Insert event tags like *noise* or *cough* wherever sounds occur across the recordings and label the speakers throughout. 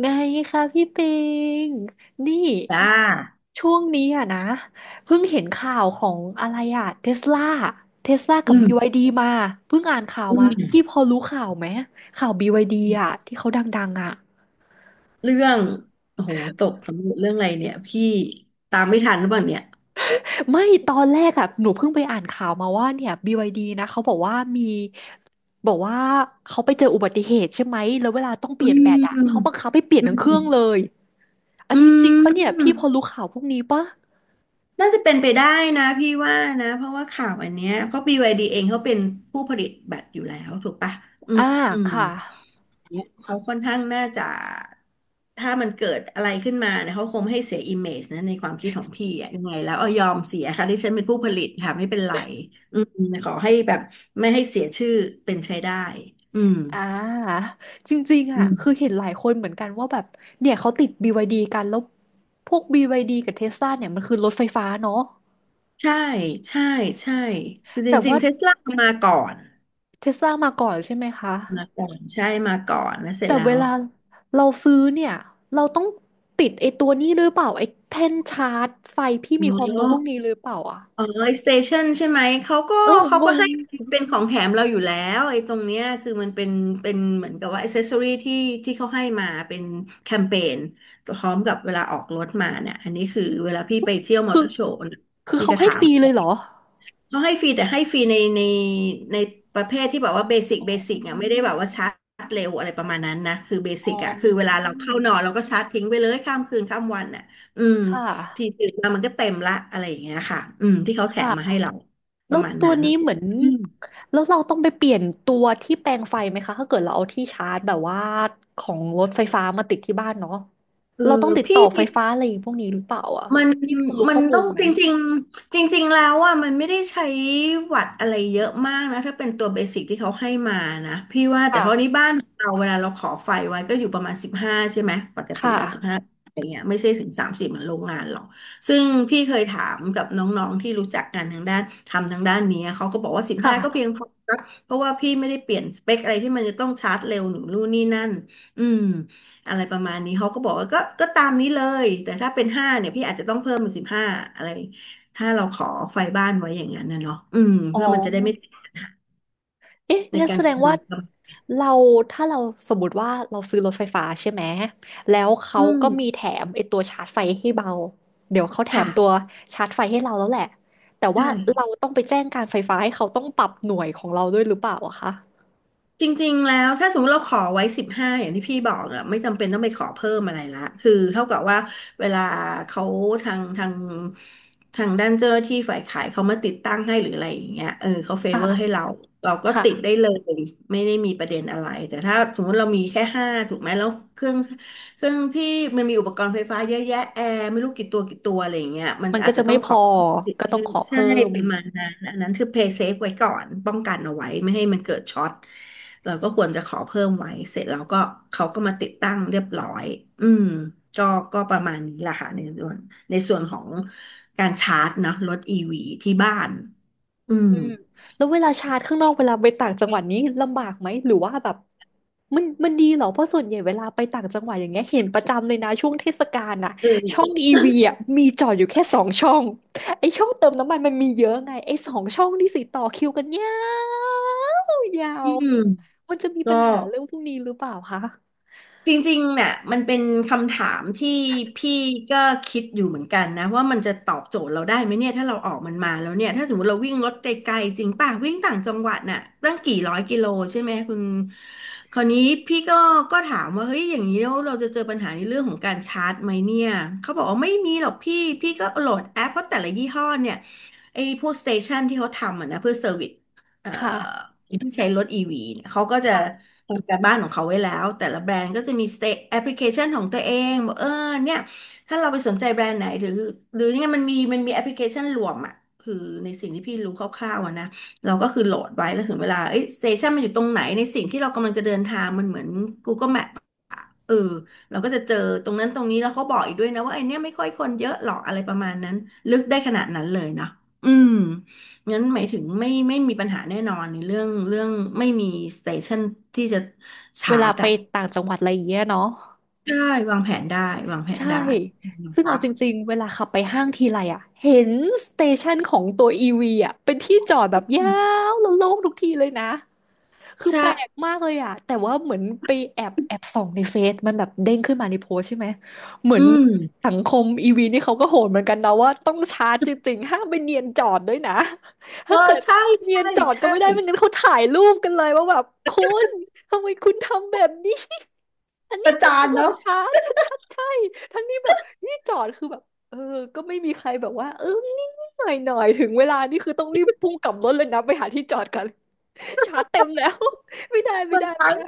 Speaker 1: ไงคะพี่ปิงนี่
Speaker 2: จ้า
Speaker 1: ช่วงนี้อะนะเพิ่งเห็นข่าวของอะไรอะเทสลาเทสลา
Speaker 2: อื
Speaker 1: กับบี
Speaker 2: ม
Speaker 1: วายดีมาเพิ่งอ่านข่าว
Speaker 2: อื
Speaker 1: มา
Speaker 2: ม
Speaker 1: พี่พอรู้ข่าวไหมข่าว BYD อะที่เขาดังๆอะ
Speaker 2: เรื่อง โอ้โห ตกสำรวจเรื่องอะไรเนี่ย พี่ตามไม่ทันหรือเปล่าเนี่ย
Speaker 1: ไม่ตอนแรกอะหนูเพิ่งไปอ่านข่าวมาว่าเนี่ย BYD นะเขาบอกว่ามีบอกว่าเขาไปเจออุบัติเหตุใช่ไหมแล้วเวลาต้องเป
Speaker 2: อื
Speaker 1: ลี่ยนแบตอะเขาบั
Speaker 2: ม
Speaker 1: งคับให้เปลี่ยน
Speaker 2: อื
Speaker 1: ทั้งเครื่อง
Speaker 2: ม
Speaker 1: เลยอั
Speaker 2: อื
Speaker 1: นนี้จริงปะเนี่ยพี่พอ
Speaker 2: ม
Speaker 1: รู้ข่าวพวกนี้ปะ
Speaker 2: น่าจะเป็นไปได้นะพี่ว่านะเพราะว่าข่าวอันเนี้ยเพราะ b y ีเองเขาเป็นผู้ผลิตบัตรอยู่แล้วถูกปะอื
Speaker 1: อ่า
Speaker 2: มอืม
Speaker 1: ค่ะ
Speaker 2: เนี่ยเขาค่อนข้างน่าจะถ้ามันเกิดอะไรขึ้นมาเนี่ยเขาคงไม่ให้เสียอิมเมจนะในความคิดของพี่อะยังไงแล้วเอายอมเสียค่ะที่ฉันเป็นผู้ผลิตค่ะไม่เป็นไรอืมขอให้แบบไม่ให้เสียชื่อเป็นใช้ได้อืม
Speaker 1: อ่าจริงๆ
Speaker 2: อื
Speaker 1: อ่ะคือ
Speaker 2: ม
Speaker 1: เห็นหลายคนเหมือนกันว่าแบบเนี่ยเขาติด BYD กันแล้วพวก BYD กับเทสลาเนี่ยมันคือรถไฟฟ้าเนาะ
Speaker 2: ใช่ใช่ใช่คือจ
Speaker 1: แต่
Speaker 2: ริง
Speaker 1: ว่า
Speaker 2: ๆเทสลามาก่อน
Speaker 1: เทสลามาก่อนใช่ไหมคะ
Speaker 2: มาก่อนใช่มาก่อนแล้วเสร็จ
Speaker 1: แต่
Speaker 2: แล้
Speaker 1: เว
Speaker 2: ว
Speaker 1: ลาเราซื้อเนี่ยเราต้องติดไอ้ตัวนี้หรือเปล่าไอ้แท่นชาร์จไฟพี่มี
Speaker 2: อ๋
Speaker 1: ความรู้พวก
Speaker 2: อ
Speaker 1: นี้หรือเปล่าอ่ะ
Speaker 2: อ๋อไอสเตชันใช่ไหมเขาก็
Speaker 1: เออ
Speaker 2: เขา
Speaker 1: ง
Speaker 2: ก็ให้
Speaker 1: ง
Speaker 2: เป็นของแถมเราอยู่แล้วไอ้ตรงเนี้ยคือมันเป็นเป็นเหมือนกับว่าอ c เซสซอรี่ที่ที่เขาให้มาเป็นแคมเปญพร้อมกับเวลาออกรถมาเนี่ยอันนี้คือเวลาพี่ไปเที่ยวมอ
Speaker 1: คื
Speaker 2: เต
Speaker 1: อ
Speaker 2: อร์โชว์
Speaker 1: คือ
Speaker 2: พี่
Speaker 1: เขา
Speaker 2: ก็
Speaker 1: ให้
Speaker 2: ถา
Speaker 1: ฟ
Speaker 2: ม
Speaker 1: รีเลยเหรอ
Speaker 2: เขาให้ฟรีแต่ให้ฟรีในในในประเภทที่แบบว่าเบสิกเบสิ
Speaker 1: อื
Speaker 2: กอ่ะไม่ได้แบบว่า
Speaker 1: ม
Speaker 2: ชาร์จเร็วอะไรประมาณนั้นนะคือเบ
Speaker 1: อ๋อ
Speaker 2: สิกอ่ะคือเวลาเราเข้านอนเราก็ชาร์จทิ้งไปเลยข้ามคืนข้ามวันอ่ะอืม
Speaker 1: ค่ะ
Speaker 2: ทีตื่นมามันก็เต็มละอะไรอย่างเงี้ยค่ะอืมที่เขาแถมมาให้
Speaker 1: ค่ะ
Speaker 2: เราป
Speaker 1: แล้
Speaker 2: ระ
Speaker 1: ว
Speaker 2: มาณ
Speaker 1: ตัว
Speaker 2: นั้น
Speaker 1: นี้เหมือน
Speaker 2: อืม
Speaker 1: แล้วเราต้องไปเปลี่ยนตัวที่แปลงไฟไหมคะถ้าเกิดเราเอาที่ชาร์จแบบว่าของรถไฟฟ้ามาติดที่บ้านเนาะ
Speaker 2: เออ
Speaker 1: เราต้องติด
Speaker 2: พี่
Speaker 1: ต่อไฟ
Speaker 2: มี
Speaker 1: ฟ้าอะไรพวกนี้หรือเปล่าอ่ะ
Speaker 2: มัน
Speaker 1: พี่คุณรู้
Speaker 2: มั
Speaker 1: ข้
Speaker 2: น
Speaker 1: อมู
Speaker 2: ต้อ
Speaker 1: ล
Speaker 2: ง
Speaker 1: ไหม
Speaker 2: จริงๆจริงๆแล้วอ่ะมันไม่ได้ใช้วัดอะไรเยอะมากนะถ้าเป็นตัวเบสิกที่เขาให้มานะพี่ว่าแต่เท่านี้
Speaker 1: ค่ะ
Speaker 2: บ้านเราเวลาเราขอไฟไว้ก็อยู่ประมาณสิบห้าใช่ไหมปกติ
Speaker 1: ค่ะ
Speaker 2: แล้วสิบห้าอะไรเงี้ยไม่ใช่ถึงสามสิบเหมือนโรงงานหรอกซึ่งพี่เคยถามกับน้องๆที่รู้จักกันทางด้านทำทางด้านนี้เขาก็บอกว่าสิบ
Speaker 1: ค่
Speaker 2: ห้าก็เพียงพ
Speaker 1: ะ
Speaker 2: อนะเพราะว่าพี่ไม่ได้เปลี่ยนสเปคอะไรที่มันจะต้องชาร์จเร็วหนูนู่นนี่นั่นอืม อะไรประมาณนี้เขาก็บอกว่าก็ตามนี้เลยแต่ถ้าเป็นห้าเนี่ยพี่อาจจะต้องเพิ่มเป็นสิบห้าอะไรถ้าเราขอไฟบ้านไว้อย่างนั้นนะเนาะอืม
Speaker 1: อ๋อ
Speaker 2: เพื่อมันจะได้ไม่
Speaker 1: เอ๊ะ
Speaker 2: ใน
Speaker 1: งั้น
Speaker 2: การ
Speaker 1: แสดง
Speaker 2: เติ
Speaker 1: ว่า
Speaker 2: ม
Speaker 1: เราถ้าเราสมมติว่าเราซื้อรถไฟฟ้าใช่ไหมแล้วเขา
Speaker 2: อืม
Speaker 1: ก็มีแถมไอตัวชาร์จไฟให้เราเดี๋ยวเขาแถ
Speaker 2: ค่ะ
Speaker 1: มตัวชาร์จไฟให้เราแล้วแหละแต่ว่า
Speaker 2: ใช่
Speaker 1: เราต้องไปแจ้งการไฟฟ้าให้เขาต้องปรับหน่วยของเราด้วยหรือเปล่าอะคะ
Speaker 2: จริงๆแล้วถ้าสมมติเราขอไว้สิบห้าอย่างที่พี่บอกอะไม่จำเป็นต้องไปขอเพิ่มอะไรละคือเท่ากับว่าเวลาเขาทางทางทางด้านเจ้าหน้าที่ฝ่ายขายเขามาติดตั้งให้หรืออะไรอย่างเงี้ยเออเขาเฟเวอร์ให้
Speaker 1: ค่ะ
Speaker 2: เราเราก็ติดได้
Speaker 1: ค่ะ
Speaker 2: เลยไม่ได้มีประเด็นอะไรแต่ถ้าสมมติเรามีแค่ห้าถูกไหมแล้วเครื่องเครื่องที่มันมีอุปกรณ์ไฟฟ้าเยอะแยะแอร์ไม่รู้กี่ตัวกี่ตัวอะไรอย่างเงี้ยมัน
Speaker 1: มันก็
Speaker 2: อาจ
Speaker 1: จะ
Speaker 2: จะต้
Speaker 1: ไม่
Speaker 2: อง
Speaker 1: พ
Speaker 2: ขอ
Speaker 1: อก็ต้องขอ
Speaker 2: ใช่
Speaker 1: เพิ่ม
Speaker 2: ประมาณนั้นอันนั้นคือ pay safe ไว้ก่อนป้องกันเอาไว้ไม่ให้มันเกิดช็อตเราก็ควรจะขอเพิ่มไว้ เสร็จแล้วก็เขาก็มาติดตั้งเรียบร้อย อืมก็ก็ประมาณนี้แหละค่ะในส่วนของการชาร์จเนาะรถอีวีที่บ้าน อืม
Speaker 1: อืมแล้วเวลาชาร์จข้างนอกเวลาไปต่างจังหวัดนี้ลำบากไหมหรือว่าแบบมันดีเหรอเพราะส่วนใหญ่เวลาไปต่างจังหวัดอย่างเงี้ยเห็นประจำเลยนะช่วงเทศกาลน่ะช่อ
Speaker 2: เออ
Speaker 1: งอีวีอ่ะมีจอดอยู่แค่สองช่องไอช่องเติมน้ำมันมันมีเยอะไงไอสองช่องนี่สิต่อคิวกันยาวยา
Speaker 2: อื
Speaker 1: ว
Speaker 2: ม
Speaker 1: มันจะมี
Speaker 2: ก็
Speaker 1: ปัญหาเรื่องพวกนี้หรือเปล่าคะ
Speaker 2: จริงๆเนี่ยมันเป็นคำถามที่พี่ก็คิดอยู่เหมือนกันนะว่ามันจะตอบโจทย์เราได้ไหมเนี่ยถ้าเราออกมันมาแล้วเนี่ยถ้าสมมติเราวิ่งรถไกลๆจริงป่ะวิ่งต่างจังหวัดน่ะตั้งกี่ร้อยกิโลใช่ไหมคุณคราวนี้พี่ก็ก็ถามว่าเฮ้ยอย่างนี้แล้วเราจะเจอปัญหาในเรื่องของการชาร์จไหมเนี่ยเขาบอกว่าไม่มีหรอกพี่พี่ก็โหลดแอปเพราะแต่ละยี่ห้อเนี่ยไอ้พวกสเตชันที่เขาทำอะนะเพื่อเซอร์วิส เอ่
Speaker 1: ค
Speaker 2: อ
Speaker 1: ่ะ
Speaker 2: ที่ใช้รถ EV เนี่ยเขาก็จะ
Speaker 1: ค่ะ
Speaker 2: ทำการบ้านของเขาไว้แล้วแต่ละแบรนด์ก็จะมีสเตแอปพลิเคชันของตัวเองบอกเออเนี่ยถ้าเราไปสนใจแบรนด์ไหนหรือหรือเนี่ยมันมีมันมีแอปพลิเคชันรวมอ่ะคือในสิ่งที่พี่รู้คร่าวๆอะนะเราก็คือโหลดไว้แล้วถึงเวลาเอ้ยสเตชันมันอยู่ตรงไหนในสิ่งที่เรากำลังจะเดินทางมันเหมือน Google Map เออเราก็จะเจอตรงนั้นตรงนี้แล้วเขาบอกอีกด้วยนะว่าไอเนี้ยไม่ค่อยคนเยอะหรอกอะไรประมาณนั้นลึกได้ขนาดนั้นเลยนะอืมงั้นหมายถึงไม่มีปัญหาแน่นอนในเรื่องไม่มีสเตชันที่จะ
Speaker 1: เว
Speaker 2: ชา
Speaker 1: ลา
Speaker 2: ร์จ
Speaker 1: ไป
Speaker 2: อ่ะ
Speaker 1: ต่างจังหวัดอะไรอย่างเงี้ยเนาะ
Speaker 2: ใช่วางแผนได้วางแผน
Speaker 1: ใช่
Speaker 2: ได้นะ
Speaker 1: ซึ่ง
Speaker 2: ครั
Speaker 1: เอา
Speaker 2: บ
Speaker 1: จริงๆเวลาขับไปห้างทีไรอ่ะเห็นสเตชันของตัวอีวีอ่ะเป็นที่จอดแบบยาวแล้วโล่งทุกทีเลยนะ คือ
Speaker 2: ใช่
Speaker 1: แปลกมากเลยอ่ะแต่ว่าเหมือนไปแอบส่องในเฟซมันแบบเด้งขึ้นมาในโพสต์ใช่ไหม เหมือน
Speaker 2: อืม
Speaker 1: สังคมอีวีนี่เขาก็โหดเหมือนกันนะว่าต้องชาร์จจริงๆ ห้ามไปเนียนจอดด้วยนะ
Speaker 2: เอ
Speaker 1: ถ้า
Speaker 2: อ
Speaker 1: เกิด
Speaker 2: ใช่
Speaker 1: เนีย
Speaker 2: ใช่
Speaker 1: นจอดก็
Speaker 2: ใช่
Speaker 1: ไม่ได้ไม่งั้นเขาถ่ายรูปกันเลยว่าแบบคุณทำไมคุณทำแบบนี้ อัน
Speaker 2: ป
Speaker 1: นี้
Speaker 2: ระ
Speaker 1: มัน
Speaker 2: จาน
Speaker 1: สำหรับ
Speaker 2: เนาะ
Speaker 1: ช้าชัดๆใช่ทั้งที่แบบนี่จอดคือแบบเออก็ไม่มีใครแบบว่าเออนี่หน่อยหน่อยๆถึงเวลานี่คือต้องรีบพุ่งกลับรถเลยนะไปหาที่จอดกัน *laughs* ชาร์จเต็มแล้ว *laughs* ไม่ได้ไม่
Speaker 2: มัน
Speaker 1: ได้ไม่
Speaker 2: ทั้ง
Speaker 1: ได้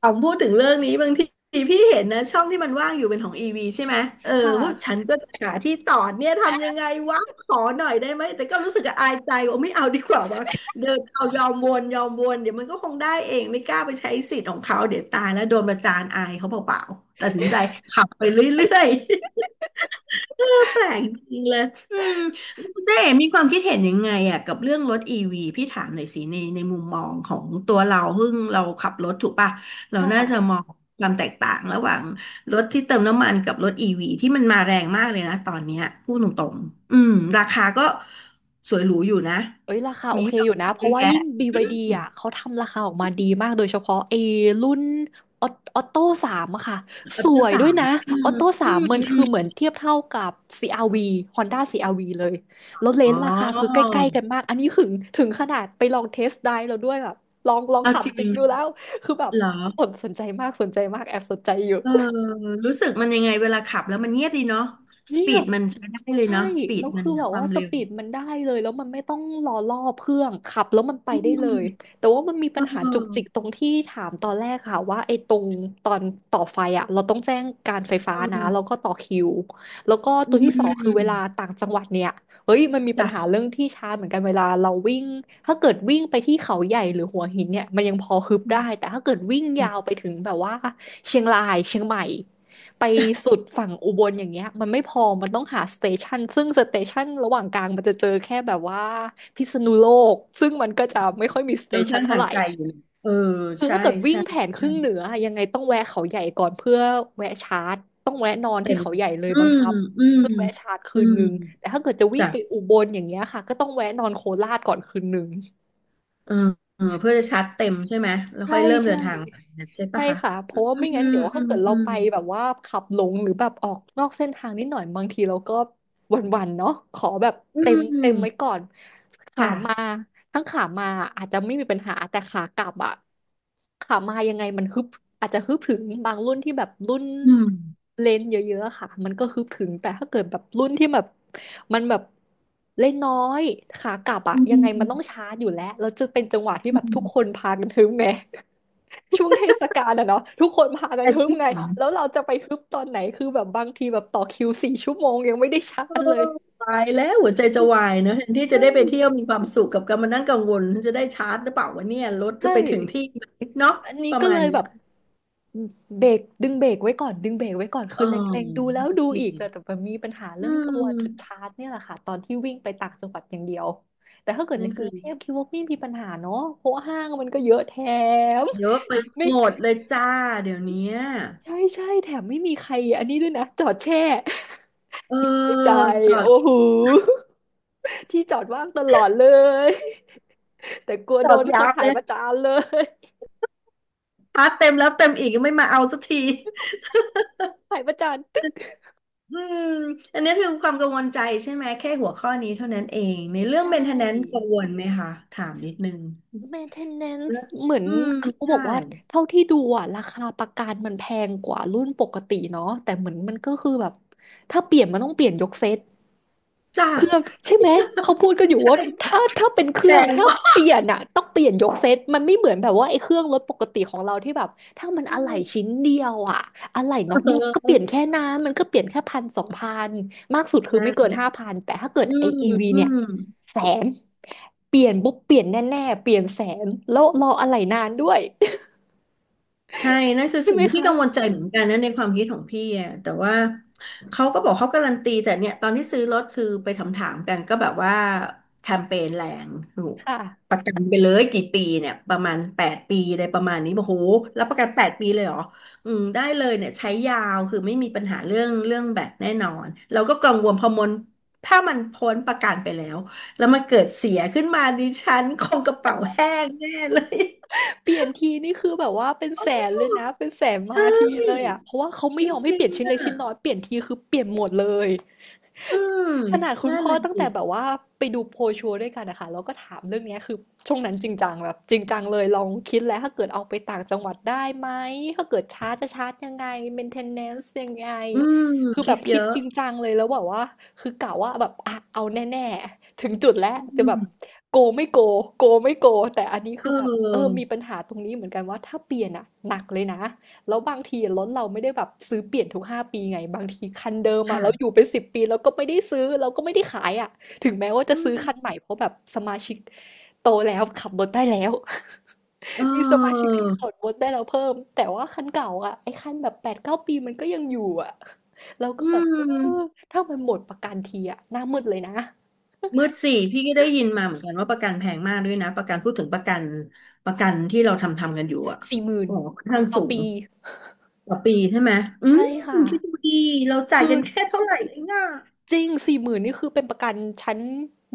Speaker 2: ผมพูดถึงเรื่องนี้บางทีพี่เห็นนะช่องที่มันว่างอยู่เป็นของอีวีใช่ไหมเออ
Speaker 1: ค่ะ
Speaker 2: พวกฉันก็จะหาที่ต่อเนี่ยทำยังไงวะขอหน่อยได้ไหมแต่ก็รู้สึกอายใจว่าไม่เอาดีกว่าว่าเดินเอายอมวนยอมวนเดี๋ยวมันก็คงได้เองไม่กล้าไปใช้สิทธิ์ของเขาเดี๋ยวตายแล้วโดนประจานอายเขาเปล่าๆตัดสินใจขับไปเรื่อย แปลกจริงเลยอืมแล้วคุณเจ๊มีความคิดเห็นยังไงอ่ะกับเรื่องรถอีวีพี่ถามหน่อยสิในมุมมองของตัวเราซึ่งเราขับรถถูกป่ะเรา
Speaker 1: ค่
Speaker 2: น่าจะม
Speaker 1: ะ
Speaker 2: องความแตกต่างระหว่างรถที่เติมน้ำมันกับรถอีวีที่มันมาแรงมากเลยนะตอนเนี้ยพูดตรงๆอืมราคาก็สวยหรูอยู่นะ
Speaker 1: เอ้ยราคาโอ
Speaker 2: มี
Speaker 1: เค
Speaker 2: ให้เรา
Speaker 1: อยู่นะเพ
Speaker 2: เย
Speaker 1: ราะ
Speaker 2: อะ
Speaker 1: ว่า
Speaker 2: แยะ
Speaker 1: ยิ่ง BYD
Speaker 2: อืม
Speaker 1: อ่ะเขาทำราคาออกมาดีมากโดยเฉพาะไอ้รุ่นออออโต้สามอะค่ะ
Speaker 2: อั
Speaker 1: ส
Speaker 2: พเด
Speaker 1: วย
Speaker 2: สา
Speaker 1: ด้วย
Speaker 2: ม
Speaker 1: นะ
Speaker 2: อื
Speaker 1: อ
Speaker 2: ม
Speaker 1: อโต้สา
Speaker 2: อื
Speaker 1: ม
Speaker 2: ม
Speaker 1: มันคือเหมือ
Speaker 2: อื
Speaker 1: น
Speaker 2: ม
Speaker 1: เทียบเท่ากับ CR-V Honda CR-V เลยแล้วเล
Speaker 2: อ๋
Speaker 1: น
Speaker 2: อ
Speaker 1: ส์ราคาคือใกล้ๆกันมากอันนี้ถึงถึงขนาดไปลองเทสไดรฟ์แล้วด้วยแบบลอง
Speaker 2: เอา
Speaker 1: ขับ
Speaker 2: จ
Speaker 1: จริ
Speaker 2: ริ
Speaker 1: งดูแล้
Speaker 2: ง
Speaker 1: วคือแบบ
Speaker 2: เหรอ
Speaker 1: สนใจมากสนใจมากแอบสนใจอยู่
Speaker 2: เออรู้สึกมันยังไงเวลาขับแล้วมันเงียบดีเนาะส
Speaker 1: เนี่
Speaker 2: ปี
Speaker 1: ย
Speaker 2: ดมันใช้ได้เลย
Speaker 1: ใช่
Speaker 2: เนาะสปี
Speaker 1: แล้
Speaker 2: ด
Speaker 1: ว
Speaker 2: มัน
Speaker 1: คือแบ
Speaker 2: อะ
Speaker 1: บ
Speaker 2: ควา
Speaker 1: ว่า
Speaker 2: ม
Speaker 1: ส
Speaker 2: เร็ว
Speaker 1: ปีดมันได้เลยแล้วมันไม่ต้องรอรอบเครื่อง ขับแล้วมันไป
Speaker 2: อื
Speaker 1: ได้เล
Speaker 2: ม
Speaker 1: ย แต่ว่ามันมี
Speaker 2: เอ
Speaker 1: ปัญหาจุกจิก
Speaker 2: อ
Speaker 1: ตรงที่ถามตอนแรกค่ะว่าไอ้ตรงตอนต่อไฟอ่ะเราต้องแจ้งการไฟฟ้า
Speaker 2: เออ
Speaker 1: นะแล้วก็ต่อคิวแล้วก็
Speaker 2: อื
Speaker 1: ตัวที่สองคือเวลา
Speaker 2: ม
Speaker 1: ต่างจังหวัดเนี่ย เฮ้ยมันมีปัญหา
Speaker 2: จ้ะ
Speaker 1: เรื่องที่ชาเหมือนกันเวลาเราวิ่ง ถ้าเกิดวิ่งไปที่เขาใหญ่หรือหัวหินเนี่ย มันยังพอฮึบ
Speaker 2: อื
Speaker 1: ได้
Speaker 2: ม
Speaker 1: แต่ถ้าเกิดวิ่งยาวไปถึงแบบว่าเชียงรายเชียงใหม่ไปสุดฝั่งอุบลอย่างเงี้ยมันไม่พอมันต้องหาสเตชันซึ่งสเตชันระหว่างกลางมันจะเจอแค่แบบว่าพิษณุโลก ซึ่งมันก็จะไม่ค่อยมีสเต
Speaker 2: ค่อน
Speaker 1: ชัน
Speaker 2: ข้าง
Speaker 1: เท่า
Speaker 2: ห่า
Speaker 1: ไห
Speaker 2: ง
Speaker 1: ร่
Speaker 2: ไกลอยู่นะเออ
Speaker 1: คือ
Speaker 2: ใช่
Speaker 1: ถ้าเกิดวิ่ง
Speaker 2: ใช่
Speaker 1: แผนค
Speaker 2: ใช่
Speaker 1: รึ่งเหนืออะยังไงต้องแวะเขาใหญ่ก่อนเพื่อแวะชาร์จต้องแวะนอน
Speaker 2: เต็
Speaker 1: ที่
Speaker 2: ม
Speaker 1: เขาใหญ่เลย
Speaker 2: อื
Speaker 1: บัง
Speaker 2: ม
Speaker 1: คับ
Speaker 2: อืม
Speaker 1: เพื่อแวะชาร์จคื
Speaker 2: อื
Speaker 1: นนึ
Speaker 2: ม
Speaker 1: งแต่ถ้าเกิดจะวิ่ง
Speaker 2: จ้ะ
Speaker 1: ไปอุบลอย่างเงี้ยค่ะก็ต้องแวะนอนโคราชก่อนคืนนึง
Speaker 2: เออเออเพื่อจะชาร์จเต็มใช่ไหมแล้ว
Speaker 1: ใช่
Speaker 2: ค่อยเริ่มเดิ
Speaker 1: ใช่
Speaker 2: นทางนะใช่
Speaker 1: ใช่
Speaker 2: ปะคะ
Speaker 1: ค่ะเพ
Speaker 2: อ
Speaker 1: ราะว่า
Speaker 2: ื
Speaker 1: ไม่งั้น
Speaker 2: ม
Speaker 1: เดี๋ยว
Speaker 2: อื
Speaker 1: ถ้า
Speaker 2: ม
Speaker 1: เกิดเรา
Speaker 2: อืม
Speaker 1: ไปแบบว่าขับหลงหรือแบบออกนอกเส้นทางนิดหน่อยบางทีเราก็หวันๆเนาะขอแบบ
Speaker 2: อื
Speaker 1: เต็มไว้
Speaker 2: ม
Speaker 1: ก่อนขามา
Speaker 2: ค่ะ
Speaker 1: ทั้งขามาอาจจะไม่มีปัญหาแต่ขากลับอะขามายังไงมันฮึบอาจจะฮึบถึงบางรุ่นที่แบบรุ่น
Speaker 2: อืม
Speaker 1: เลนส์เยอะๆอะค่ะ มันก็ฮึบถึง แต่ถ้าเกิดแบบรุ่นที่แบบมันแบบเล่นน้อยขากลับอะ
Speaker 2: อื
Speaker 1: ยังไงมันต้อง
Speaker 2: ม
Speaker 1: ช้าอยู่แล้วแล้วจะเป็นจังหวะที่
Speaker 2: อื
Speaker 1: แบบทุ
Speaker 2: ม
Speaker 1: กคนพากันฮึบไง *laughs* ช่วงเทศกาลอะเนาะทุกคนพากัน
Speaker 2: แต่
Speaker 1: ฮึบ
Speaker 2: ที่
Speaker 1: ไง
Speaker 2: ผม
Speaker 1: แล้วเราจะไปฮึบตอนไหนคือแบบบางทีแบบต่อคิว4 ชั่วโมงยังไม่ได้ชาร์
Speaker 2: เออ
Speaker 1: จเลย
Speaker 2: ตายแล้วหัวใจจะวายเนอะแทนที่จะ
Speaker 1: ใช่
Speaker 2: ได้ไปเที่ยวมีความสุขกับการมานั่งกังวลฉันจะได้ชาร์จหรือเปล่าวะเนี่ยรถจะ
Speaker 1: ใช่
Speaker 2: ไปถึงที่ไหมเนาะ
Speaker 1: อันนี้
Speaker 2: ประ
Speaker 1: ก็
Speaker 2: มา
Speaker 1: เล
Speaker 2: ณ
Speaker 1: ย
Speaker 2: เนี้
Speaker 1: แบ
Speaker 2: ย
Speaker 1: บเบรกดึงเบรกไว้ก่อนดึงเบรกไว้ก่อน
Speaker 2: อ๋
Speaker 1: คือ
Speaker 2: อ
Speaker 1: เล็งๆดูแล้ว
Speaker 2: โอ
Speaker 1: ดูอีก
Speaker 2: เค
Speaker 1: แต่มันมีปัญหา
Speaker 2: อื
Speaker 1: เรื่องตัวจุดชา
Speaker 2: ม
Speaker 1: ร์จเนี่ยแหละค่ะตอนที่วิ่งไปต่างจังหวัดอย่างเดียวแต่ถ้าเกิดใน
Speaker 2: นั่น
Speaker 1: กรุ
Speaker 2: คือ
Speaker 1: งเทพคิดว่าไม่มีปัญหาเนาะเพราะว่าห้างมันก็เยอะแถม
Speaker 2: เยอะไป
Speaker 1: *laughs* ไม่
Speaker 2: หมดเลยจ้าเดี๋ยวเนี้ย
Speaker 1: ใช่ใช่แถมไม่มีใครอันนี้ด้วยนะจอดแช่
Speaker 2: เออ
Speaker 1: *laughs* คิดในใจ
Speaker 2: จอ
Speaker 1: โอ้
Speaker 2: ด
Speaker 1: โหที่จอดว่างตลอดเลยแต่กลัว
Speaker 2: จ
Speaker 1: โด
Speaker 2: อด
Speaker 1: นเขา
Speaker 2: ยาว
Speaker 1: ถ่า
Speaker 2: เล
Speaker 1: ยป
Speaker 2: ย
Speaker 1: ระจานเลย
Speaker 2: ชาร์จเต็มแล้วเต็มอีกยังไม่มาเอาสักที
Speaker 1: ถ่ายประจาน
Speaker 2: อืมอันนี้คือความกังวลใจใช่ไหมแค่หัวข้อนี้เท่านั้นเองในเรื่อง
Speaker 1: ใช
Speaker 2: maintenance
Speaker 1: ่
Speaker 2: กังวลไหมคะถามนิดนึง
Speaker 1: maintenance
Speaker 2: นะ
Speaker 1: เหมือน
Speaker 2: อืม
Speaker 1: เขาบ
Speaker 2: ใช่
Speaker 1: อกว่าเท่าที่ดูอ่ะราคาประกันมันแพงกว่ารุ่นปกติเนาะแต่เหมือนมันก็คือแบบถ้าเปลี่ยนมันต้องเปลี่ยนยกเซต
Speaker 2: จ้า
Speaker 1: เครื่องใช่ไหมเขาพูดกันอยู่
Speaker 2: ใช่
Speaker 1: ว่า
Speaker 2: จ้ะ
Speaker 1: ถ้าเป็นเค
Speaker 2: แพ
Speaker 1: รื่อง
Speaker 2: ง
Speaker 1: ถ้า
Speaker 2: มา
Speaker 1: เป
Speaker 2: ก
Speaker 1: ลี่ยนอะต้องเปลี่ยนยกเซตมันไม่เหมือนแบบว่าไอ้เครื่องรถปกติของเราที่แบบถ้ามัน
Speaker 2: ใช่
Speaker 1: อะไหล่ชิ้นเดียวอะอะไหล่
Speaker 2: เ
Speaker 1: น็อตเดียวก็เปลี่
Speaker 2: ออ
Speaker 1: ยนแค่น้ำมันก็เปลี่ยนแค่พันสองพันมากสุดคือ
Speaker 2: นั่
Speaker 1: ไม่
Speaker 2: น
Speaker 1: เกิน
Speaker 2: แหละ
Speaker 1: 5,000แต่ถ้าเกิด
Speaker 2: อื
Speaker 1: ไอ
Speaker 2: ม
Speaker 1: อีวี
Speaker 2: อื
Speaker 1: เนี่ย
Speaker 2: ม
Speaker 1: แสนเปลี่ยนปุ๊บเปลี่ยนแน่ๆเปลี่ยนแสนแล้วรออะไหล่นานด้วย
Speaker 2: ใช่นั่น
Speaker 1: *laughs*
Speaker 2: คือ
Speaker 1: ใช่
Speaker 2: สิ่ง
Speaker 1: ไหม
Speaker 2: ที่พี่
Speaker 1: คะ
Speaker 2: กังวลใจเหมือนกันนะในความคิดของพี่อะแต่ว่าเขาก็บอกเขาการันตีแต่เนี่ยตอนที่ซื้อรถคือไปถามกันก็แบบว่าแคมเปญแรงถูก
Speaker 1: ค
Speaker 2: ป
Speaker 1: ่ะ
Speaker 2: ระกันไปเลยกี่ปีเนี่ยประมาณแปดปีอะไรประมาณนี้บอกโหรับประกันแปดปีเลยเหรออืมได้เลยเนี่ยใช้ยาวคือไม่มีปัญหาเรื่องเรื่องแบตแน่นอนเราก็กังวลพอมันถ้ามันพ้นประกันไปแล้วแล้วมันเกิดเสียขึ้นมาดิฉันคงกระเป๋าแห้งแน่เลย
Speaker 1: เปลี่ยนทีนี่คือแบบว่าเป็นแสนเลยนะเป็นแสน
Speaker 2: *laughs*
Speaker 1: มา
Speaker 2: ใช่
Speaker 1: ทีเลยอ่ะเพราะว่าเขา
Speaker 2: จ
Speaker 1: ไม่ยอมให้
Speaker 2: ริ
Speaker 1: เป
Speaker 2: ง
Speaker 1: ลี่ยนชิ้
Speaker 2: ๆ
Speaker 1: น
Speaker 2: อ่ะ
Speaker 1: เล็กชิ้นน้อยเปลี่ยนทีคือเปลี่ยนหมดเลย
Speaker 2: อืม
Speaker 1: ขนาดคุณ
Speaker 2: นั่น
Speaker 1: พ่อ
Speaker 2: น่ะ
Speaker 1: ตั้ง
Speaker 2: สิ
Speaker 1: แต่แบบว่าไปดูโพลชัวร์ด้วยกันนะคะแล้วก็ถามเรื่องเนี้ยคือช่วงนั้นจริงจังแบบจริงจังเลยลองคิดแล้วถ้าเกิดเอาไปต่างจังหวัดได้ไหมถ้าเกิดชาร์จจะชาร์จยังไง maintenance ยังไง
Speaker 2: อืม
Speaker 1: คือแบ
Speaker 2: คิด
Speaker 1: บ
Speaker 2: เย
Speaker 1: คิด
Speaker 2: อะ
Speaker 1: จริงจังเลยแล้วแบบว่าคือกะว่าแบบอ่ะเอาแน่ๆถึงจุดแล้ว
Speaker 2: อื
Speaker 1: จะแบบ
Speaker 2: ม
Speaker 1: โกไม่โกโกไม่โกแต่อันนี้
Speaker 2: เ
Speaker 1: คือแบบเออ
Speaker 2: ออ
Speaker 1: มีปัญหาตรงนี้เหมือนกันว่าถ้าเปลี่ยนอะหนักเลยนะ แล้วบางทีรถเราไม่ได้แบบซื้อเปลี่ยนทุกห้าปีไงบางทีคันเดิมอะเราอ
Speaker 2: ค่ะ
Speaker 1: ยู่เป็นสิบปีเราก็ไม่ได้ซื้อเราก็ไม่ได้ขายอะถึงแม้ว่า
Speaker 2: อื
Speaker 1: จะซื้อ
Speaker 2: ม
Speaker 1: คันใหม่เพราะแบบสมาชิกโตแล้วขับรถได้แล้ว
Speaker 2: เ
Speaker 1: *laughs* มีสมาชิ
Speaker 2: อ
Speaker 1: ก
Speaker 2: อ
Speaker 1: ที่ขับรถได้แล้วเพิ่มแต่ว่าคันเก่าอะไอ้คันแบบ8-9 ปีมันก็ยังอยู่อะเราก็
Speaker 2: อื
Speaker 1: แบบเออ
Speaker 2: ม
Speaker 1: ถ้ามันหมดประกันทีอะหน้ามืดเลยนะ
Speaker 2: มืดสี่พี่ก็ได้ยินมาเหมือนกันว่าประกันแพงมากด้วยนะประกันพูดถึงประกันประกันที่เราทำกันอยู่อ่ะ
Speaker 1: สี่หมื่น
Speaker 2: โอ้ค่อนข้าง
Speaker 1: ต่อ
Speaker 2: สูง
Speaker 1: ปี
Speaker 2: ต่อปีใช่ไหมอืม
Speaker 1: ใช่ค่ะ
Speaker 2: คิดดูดีเราจ่าย
Speaker 1: คือ
Speaker 2: กันแค่เท่าไหร่เองอ่ะ
Speaker 1: จริง40,000นนี่คือเป็นประกันชั้น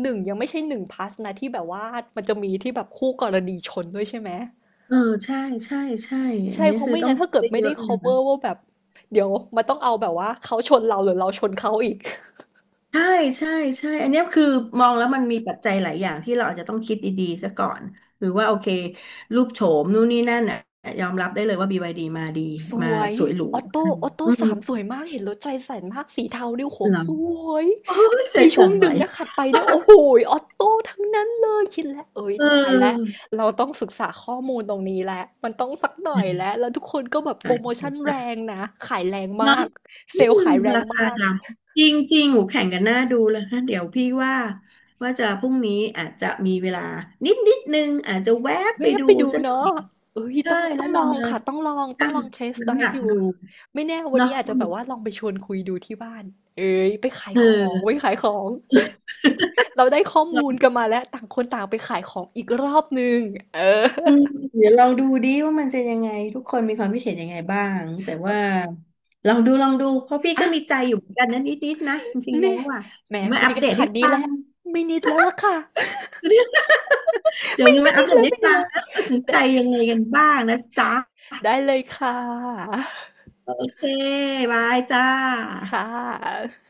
Speaker 1: 1ยังไม่ใช่1พล u สนะที่แบบว่ามันจะมีที่แบบคู่กรณีชนด้วยใช่ไหม
Speaker 2: เออใช่ใช่ใช่อัน
Speaker 1: ใช่
Speaker 2: นี้
Speaker 1: เพราะ
Speaker 2: คือ
Speaker 1: ไม่
Speaker 2: ต้อง
Speaker 1: งั้นถ้าเกิด
Speaker 2: คิด
Speaker 1: ไม่
Speaker 2: เย
Speaker 1: ได้
Speaker 2: อะเลย
Speaker 1: cover ว่าแบบเดี๋ยวมันต้องเอาแบบว่าเขาชนเราหรือเราชนเขาอีก
Speaker 2: ใช่ใช่ใช่ อันเนี้ยคือมองแล้วมันมีปัจจัยหลายอย่างที่เราอาจจะต้องคิดดีๆซะก่อน หรือว่าโอเครูปโฉมนู่นนี่นั่นน่ะยอมรับได้เลยว่า BYD มาดี
Speaker 1: *laughs* ส
Speaker 2: มา
Speaker 1: วย
Speaker 2: สวยหรู
Speaker 1: ออโต้
Speaker 2: อืม
Speaker 1: ออโต้
Speaker 2: อื
Speaker 1: สามสวยมากเห็นรถใจแสนมากสีเทาดิวโห
Speaker 2: เหรอ
Speaker 1: สวย
Speaker 2: *laughs* โอ้ยใจ
Speaker 1: มีช่ว
Speaker 2: สั่
Speaker 1: ง
Speaker 2: นไห
Speaker 1: ห
Speaker 2: ว
Speaker 1: นึ่งนะขัดไปเนี่ยโอ้โฮออตโต้ทั้งนั้นเลยคิดแล้วเอ๊ย
Speaker 2: *laughs*
Speaker 1: ตายแล้ว
Speaker 2: เออ
Speaker 1: เราต้องศึกษาข้อมูลตรงนี้แล้วมันต้องสักหน่อยแล้
Speaker 2: อื
Speaker 1: วแล้วทุกคนก็แบบโพ
Speaker 2: า
Speaker 1: รโม
Speaker 2: สน
Speaker 1: ชันแรงนะขายแรง
Speaker 2: ใจเน้อ
Speaker 1: มา
Speaker 2: ง
Speaker 1: กเซ
Speaker 2: อื
Speaker 1: ลล์
Speaker 2: ม
Speaker 1: ขายแรง
Speaker 2: ราคา
Speaker 1: มาก
Speaker 2: ดังจริงจริงหูแข่งกันหน้าดูเลยฮะเดี๋ยวพี่ว่าว่าจะพรุ่งนี้อาจจะมีเวลานิดนึงอาจจะแวะไป
Speaker 1: แวะ
Speaker 2: ดู
Speaker 1: ไปดู
Speaker 2: สักหน่
Speaker 1: เนาะ
Speaker 2: อย
Speaker 1: เอ๊ย
Speaker 2: ใช่
Speaker 1: ต้อง
Speaker 2: แล้
Speaker 1: ต้อ
Speaker 2: ว
Speaker 1: งล
Speaker 2: เรา
Speaker 1: อง
Speaker 2: มา
Speaker 1: ค่ะต้องลองต้อ
Speaker 2: ชั่
Speaker 1: ง
Speaker 2: ง
Speaker 1: ลอง Test
Speaker 2: น้ำหนั
Speaker 1: Drive
Speaker 2: ก
Speaker 1: ดู
Speaker 2: ดู
Speaker 1: ไม่แน่วัน
Speaker 2: เนาะ
Speaker 1: นี้อาจจะ
Speaker 2: ว่า
Speaker 1: แบ
Speaker 2: มั
Speaker 1: บ
Speaker 2: น
Speaker 1: ว่าลองไปชวนคุยดูที่บ้านเอ๊ยไปขาย
Speaker 2: เ
Speaker 1: ของไว้
Speaker 2: ออ
Speaker 1: ขายของเราได้ข้อมูล
Speaker 2: เรา
Speaker 1: กันมาแล้วต่างคนต่างไปขายของอีกรอบหนึ่งเออ
Speaker 2: อืมเดี๋ยวเรงดูดิว่ามันจะยังไงทุกคนมีความคิดเห็นยังไงบ้างแต่ว่าลองดูลองดูเพราะพี่ก็
Speaker 1: อะ
Speaker 2: มีใจอยู่เหมือนกันนะนิดๆนะจริงๆ
Speaker 1: นี่
Speaker 2: แล้วอ่ะ
Speaker 1: แหม
Speaker 2: เดี๋ยวมา
Speaker 1: คุ
Speaker 2: อั
Speaker 1: ย
Speaker 2: ป
Speaker 1: กัน
Speaker 2: เดต
Speaker 1: ขนา
Speaker 2: ให้
Speaker 1: ดนี้
Speaker 2: ฟั
Speaker 1: แล้ว
Speaker 2: ง
Speaker 1: ไม่นิดแล้วล่ะค่ะ
Speaker 2: เดี๋ยวมาอั
Speaker 1: นิ
Speaker 2: ป
Speaker 1: ด
Speaker 2: เดต
Speaker 1: แล้ว
Speaker 2: ให้
Speaker 1: ไม่นิด
Speaker 2: ฟัง
Speaker 1: แล้ว
Speaker 2: แล้วตัดสิน
Speaker 1: ได
Speaker 2: ใจยังไงกันบ้างนะจ๊ะ
Speaker 1: ได้เลยค่ะ
Speaker 2: โอเคบายจ้า
Speaker 1: ค่ะ